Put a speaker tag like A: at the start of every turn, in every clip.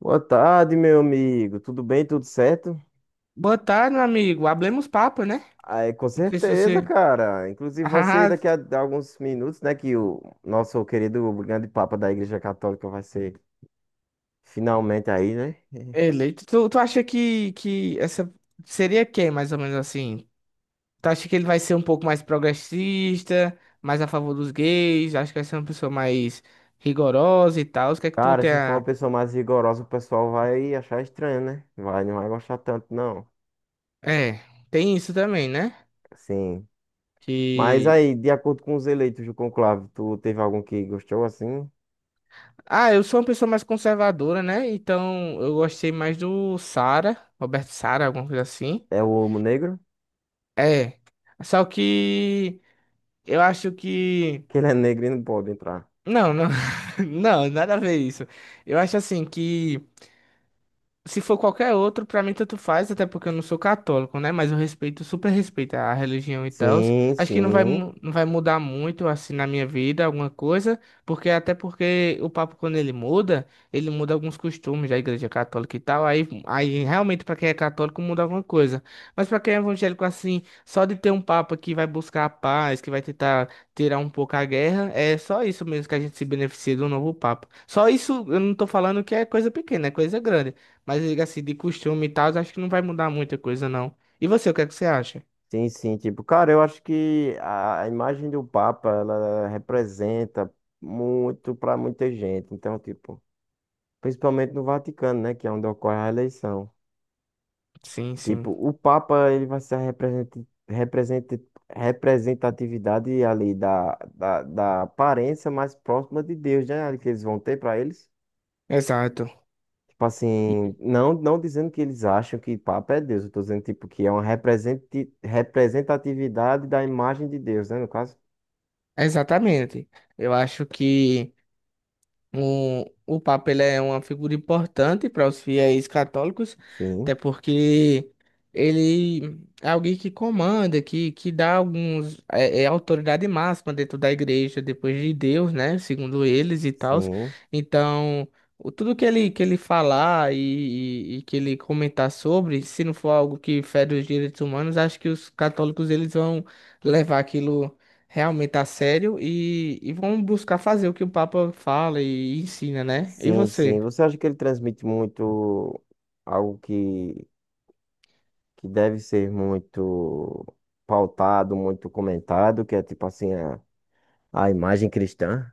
A: Boa tarde, meu amigo. Tudo bem? Tudo certo?
B: Boa tarde, meu amigo. Hablemos papo, né?
A: Aí, com
B: Não sei se
A: certeza,
B: você.
A: cara. Inclusive, vai
B: Ah,
A: ser daqui a alguns minutos, né? Que o nosso querido grande Papa da Igreja Católica vai ser finalmente aí, né?
B: eleito. Tu acha que essa seria quem, mais ou menos assim? Tu acha que ele vai ser um pouco mais progressista, mais a favor dos gays? Acho que vai ser uma pessoa mais rigorosa e tal. O que é que tu
A: Cara,
B: tem
A: se for uma
B: a...
A: pessoa mais rigorosa, o pessoal vai achar estranho, né? Vai, não vai gostar tanto, não.
B: É, tem isso também, né?
A: Sim. Mas
B: Que.
A: aí, de acordo com os eleitos do conclave, tu teve algum que gostou assim?
B: Ah, eu sou uma pessoa mais conservadora, né? Então eu gostei mais do Sara, Roberto Sara, alguma coisa assim.
A: É o homo negro?
B: É. Só que eu acho que.
A: Que ele é negro e não pode entrar.
B: Não, não, não, nada a ver isso. Eu acho assim que. Se for qualquer outro, pra mim tanto faz, até porque eu não sou católico, né? Mas eu respeito, super respeito a religião e tal.
A: Sim,
B: Acho que não vai,
A: sim.
B: não vai mudar muito, assim, na minha vida, alguma coisa, porque até porque o Papa, quando ele muda alguns costumes da Igreja Católica e tal. Aí realmente, pra quem é católico, muda alguma coisa. Mas pra quem é evangélico, assim, só de ter um Papa que vai buscar a paz, que vai tentar tirar um pouco a guerra, é só isso mesmo que a gente se beneficia do novo Papa. Só isso, eu não tô falando que é coisa pequena, é coisa grande. Mas eu assim, de costume e tal, acho que não vai mudar muita coisa, não. E você, o que é que você acha?
A: Sim, sim, tipo, cara, eu acho que a imagem do Papa, ela representa muito para muita gente. Então, tipo, principalmente no Vaticano, né, que é onde ocorre a eleição.
B: Sim, sim.
A: Tipo, o Papa, ele vai ser a represent- representatividade ali da aparência mais próxima de Deus, né, ali que eles vão ter para eles.
B: Exato.
A: Tipo assim,
B: E-
A: não, não dizendo que eles acham que Papa é Deus, eu tô dizendo, tipo, que é uma representatividade da imagem de Deus, né, no caso.
B: Exatamente. Eu acho que. O Papa ele é uma figura importante para os fiéis católicos, até
A: Sim,
B: porque ele é alguém que comanda, que dá alguns, é autoridade máxima dentro da igreja, depois de Deus, né? Segundo eles e tal.
A: sim,
B: Então, tudo que ele falar e que ele comentar sobre, se não for algo que fere os direitos humanos, acho que os católicos eles vão levar aquilo realmente a sério e vão buscar fazer o que o Papa fala e ensina, né? E
A: sim, sim.
B: você?
A: Você acha que ele transmite muito algo que deve ser muito pautado, muito comentado, que é tipo assim, a imagem cristã?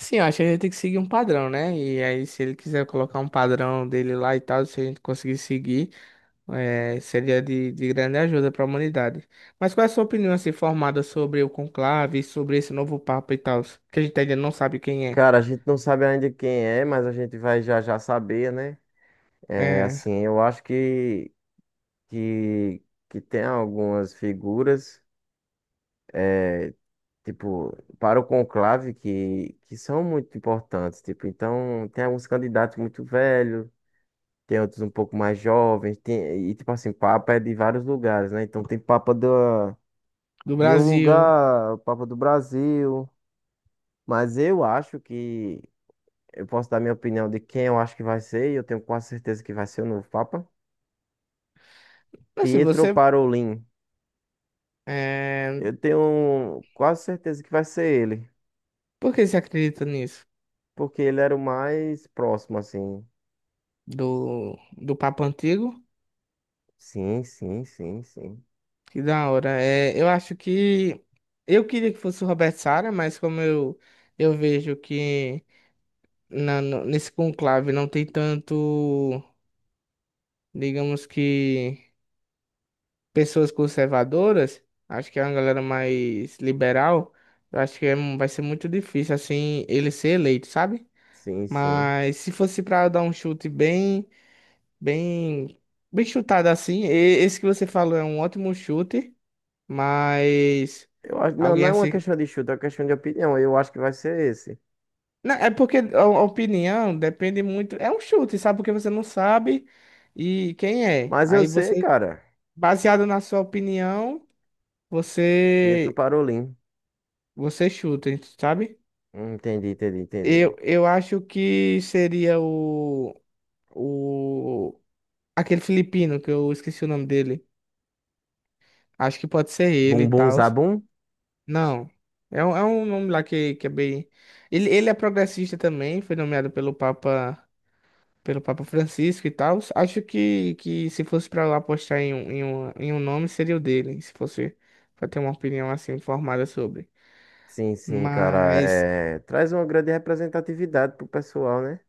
B: Sim, eu acho que a gente tem que seguir um padrão, né? E aí, se ele quiser colocar um padrão dele lá e tal, se a gente conseguir seguir, seria de grande ajuda para a humanidade. Mas qual é a sua opinião, assim, formada sobre o conclave, sobre esse novo Papa e tal, que a gente ainda não sabe quem é,
A: Cara, a gente não sabe ainda quem é, mas a gente vai já já saber, né? É
B: eh,
A: assim, eu acho que, que tem algumas figuras, tipo, para o conclave que são muito importantes, tipo, então tem alguns candidatos muito velhos, tem outros um pouco mais jovens, tem, e tipo assim, Papa é de vários lugares, né? Então tem Papa da,
B: do
A: de um
B: Brasil?
A: lugar, Papa do Brasil. Mas eu acho que, eu posso dar minha opinião de quem eu acho que vai ser, e eu tenho quase certeza que vai ser o novo Papa.
B: Assim,
A: Pietro
B: você,
A: Parolin.
B: eh,
A: Eu tenho quase certeza que vai ser ele,
B: por que você acredita nisso?
A: porque ele era o mais próximo, assim.
B: Do Papa antigo?
A: Sim, sim, sim, sim.
B: Que da hora. É, eu acho que eu queria que fosse o Roberto Sara, mas como eu vejo que na, no- nesse conclave não tem tanto, digamos que, pessoas conservadoras, acho que é uma galera mais liberal, eu acho que é vai ser muito difícil, assim, ele ser eleito, sabe?
A: Sim, sim.
B: Mas se fosse para dar um chute bem, bem, bem chutado assim, esse que você falou é um ótimo chute, mas...
A: Eu acho, não, não
B: Alguém
A: é uma
B: assim.
A: questão de chute, é uma questão de opinião. Eu acho que vai ser esse.
B: Não, é porque a opinião depende muito. É um chute, sabe? Porque você não sabe e quem é.
A: Mas eu
B: Aí
A: sei,
B: você,
A: cara.
B: baseado na sua opinião,
A: Pietro
B: você
A: Parolin.
B: você chuta, sabe?
A: Entendi, entendi, entendi.
B: Eu acho que seria o, o aquele filipino que eu esqueci o nome dele. Acho que pode ser ele
A: Bum
B: e
A: Bum
B: tal.
A: Zabum?
B: Não. É um nome lá que é bem. Ele é progressista também, foi nomeado pelo Papa. Pelo Papa Francisco e tal. Acho que se fosse pra lá apostar em um, em um, em um nome, seria o dele, se fosse pra ter uma opinião assim formada sobre.
A: Sim, sim, cara.
B: Mas
A: Traz uma grande representatividade pro pessoal, né?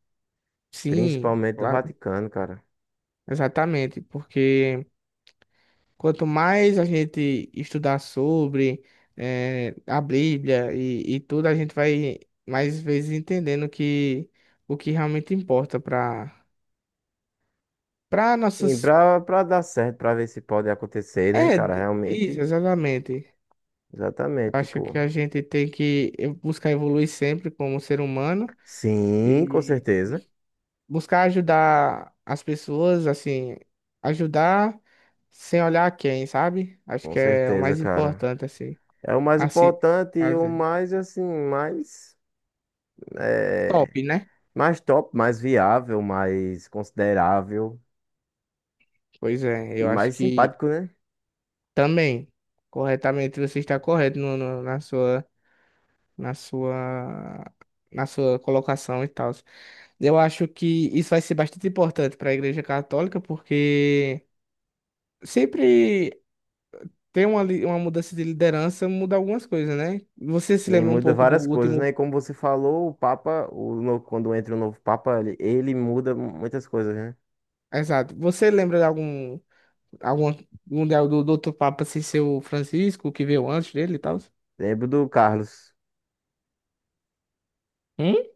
B: sim, é
A: Principalmente do
B: claro,
A: Vaticano, cara.
B: exatamente, porque quanto mais a gente estudar sobre a Bíblia e tudo, a gente vai mais vezes entendendo que o que realmente importa para para
A: E
B: nossas.
A: pra dar certo, pra ver se pode acontecer, né,
B: É,
A: cara?
B: isso,
A: Realmente,
B: exatamente.
A: exatamente,
B: Eu acho que
A: tipo...
B: a gente tem que buscar evoluir sempre como ser humano
A: Sim, com
B: e
A: certeza.
B: buscar ajudar as pessoas, assim, ajudar sem olhar quem, sabe? Acho
A: Com
B: que é o
A: certeza,
B: mais
A: cara.
B: importante, assim,
A: É o mais
B: a se
A: importante e o
B: fazer.
A: mais, assim, mais...
B: Top,
A: É...
B: né?
A: Mais top, mais viável, mais considerável
B: Pois é,
A: e
B: eu acho
A: mais
B: que
A: simpático, né?
B: também, corretamente, você está correto na sua, na sua colocação e tal. Eu acho que isso vai ser bastante importante para a Igreja Católica, porque sempre tem uma mudança de liderança, muda algumas coisas, né? Você se
A: Sim,
B: lembra um
A: muda
B: pouco do
A: várias coisas, né?
B: último.
A: E como você falou, o Papa, o no- quando entra o novo Papa, ele muda muitas coisas, né?
B: Exato. Você lembra de algum, do outro Papa sem ser o Francisco, que veio antes dele e tal?
A: Lembro do Carlos.
B: Hum?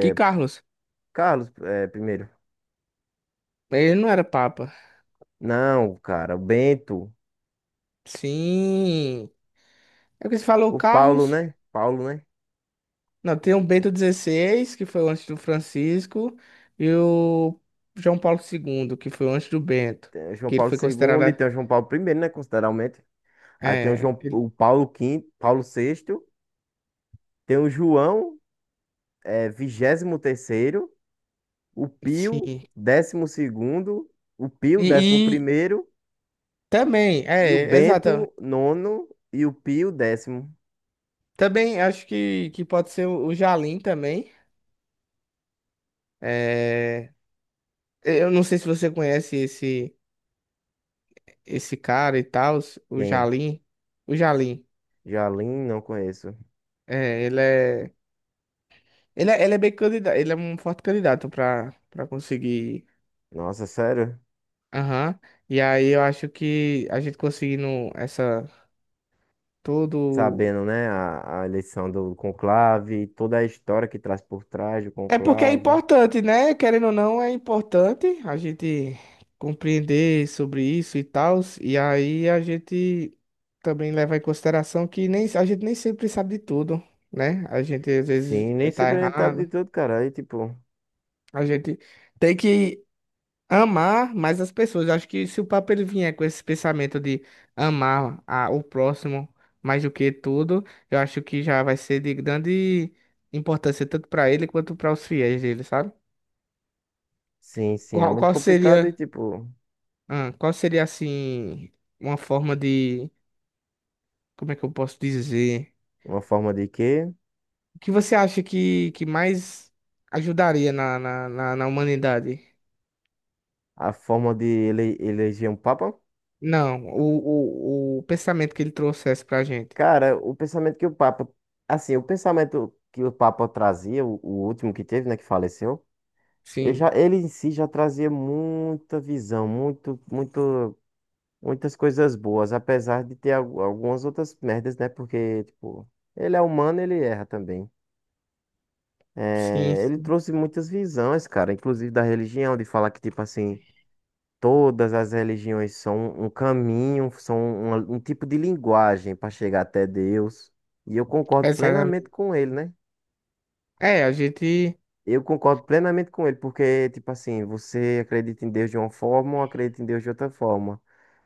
B: Que Carlos?
A: Carlos, é, primeiro.
B: Ele não era Papa.
A: Não, cara, o Bento,
B: Sim. É porque você falou
A: o Paulo,
B: Carlos.
A: né? Paulo, né?
B: Não, tem o Bento XVI que foi antes do Francisco, e o João Paulo II que foi antes do Bento,
A: Tem o João
B: que ele
A: Paulo
B: foi
A: segundo e
B: considerado.
A: tem o João Paulo primeiro, né? Consideravelmente. Aí tem o
B: É,
A: João, o Paulo quinto, Paulo sexto, tem o João, vigésimo terceiro, o Pio,
B: sim.
A: décimo segundo, o Pio, décimo
B: E,
A: primeiro.
B: também,
A: E o
B: é, exato.
A: Bento, nono, e o Pio, décimo.
B: Também acho que pode ser o Jalim também. É, eu não sei se você conhece esse cara e tal, o
A: Quem?
B: Jalim. O Jalim,
A: Jalim, não conheço.
B: é, ele é bem candidato, ele é um forte candidato para conseguir.
A: Nossa, sério?
B: Aham. E aí eu acho que a gente conseguindo essa todo.
A: Sabendo, né, a eleição do conclave, toda a história que traz por trás do
B: É porque é
A: conclave.
B: importante, né? Querendo ou não, é importante a gente compreender sobre isso e tal. E aí a gente também leva em consideração que nem, a gente nem sempre sabe de tudo, né? A gente às vezes
A: Sim, nem se
B: tá
A: apresentado de
B: errado.
A: tudo, cara. Aí, tipo,
B: A gente tem que amar mais as pessoas. Acho que se o Papa ele vier com esse pensamento de amar o próximo mais do que tudo, eu acho que já vai ser de grande importância tanto para ele quanto para os fiéis dele, sabe?
A: sim, sim, é
B: Qual,
A: muito
B: qual
A: complicado. E,
B: seria,
A: tipo,
B: qual seria assim, uma forma de, como é que eu posso dizer?
A: uma forma de quê?
B: O que você acha que mais ajudaria na humanidade?
A: A forma de ele, eleger um papa?
B: Não, o pensamento que ele trouxesse pra gente.
A: Cara, o pensamento que o papa... Assim, o pensamento que o papa trazia, o último que teve, né, que faleceu. Ele,
B: Sim,
A: já, ele em si já trazia muita visão, muitas coisas boas, apesar de ter algumas outras merdas, né? Porque, tipo, ele é humano, ele erra também.
B: sim,
A: É, ele
B: sim,
A: trouxe muitas visões, cara, inclusive da religião, de falar que, tipo assim, todas as religiões são um caminho, são um tipo de linguagem para chegar até Deus. E eu concordo plenamente
B: exatamente.
A: com ele, né?
B: É, a gente,
A: Eu concordo plenamente com ele, porque, tipo assim, você acredita em Deus de uma forma ou acredita em Deus de outra forma.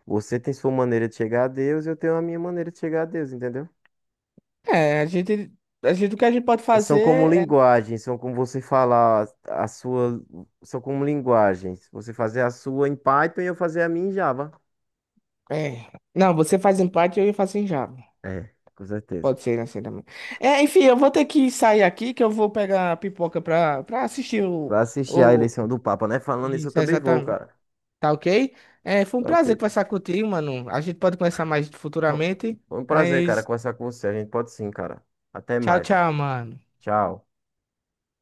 A: Você tem sua maneira de chegar a Deus, eu tenho a minha maneira de chegar a Deus, entendeu?
B: é, a gente, o que a gente pode
A: São
B: fazer
A: como
B: é,
A: linguagens, são como você falar a sua, são como linguagens. Você fazer a sua em Python e eu fazer a minha em Java.
B: é. Não, você faz em parte e eu faço em Java.
A: É, com certeza.
B: Pode ser, né, assim também. É, enfim, eu vou ter que sair aqui que eu vou pegar a pipoca pra assistir
A: Vai assistir a
B: o.
A: eleição do Papa, né? Falando isso, eu
B: Isso,
A: também vou,
B: exatamente.
A: cara.
B: Tá ok? É, foi um
A: Tá
B: prazer
A: ok.
B: conversar contigo, mano. A gente pode conversar mais
A: Bom,
B: futuramente,
A: foi um prazer, cara,
B: mas
A: conversar com você. A gente pode sim, cara. Até
B: tchau,
A: mais.
B: tchau, mano.
A: Tchau.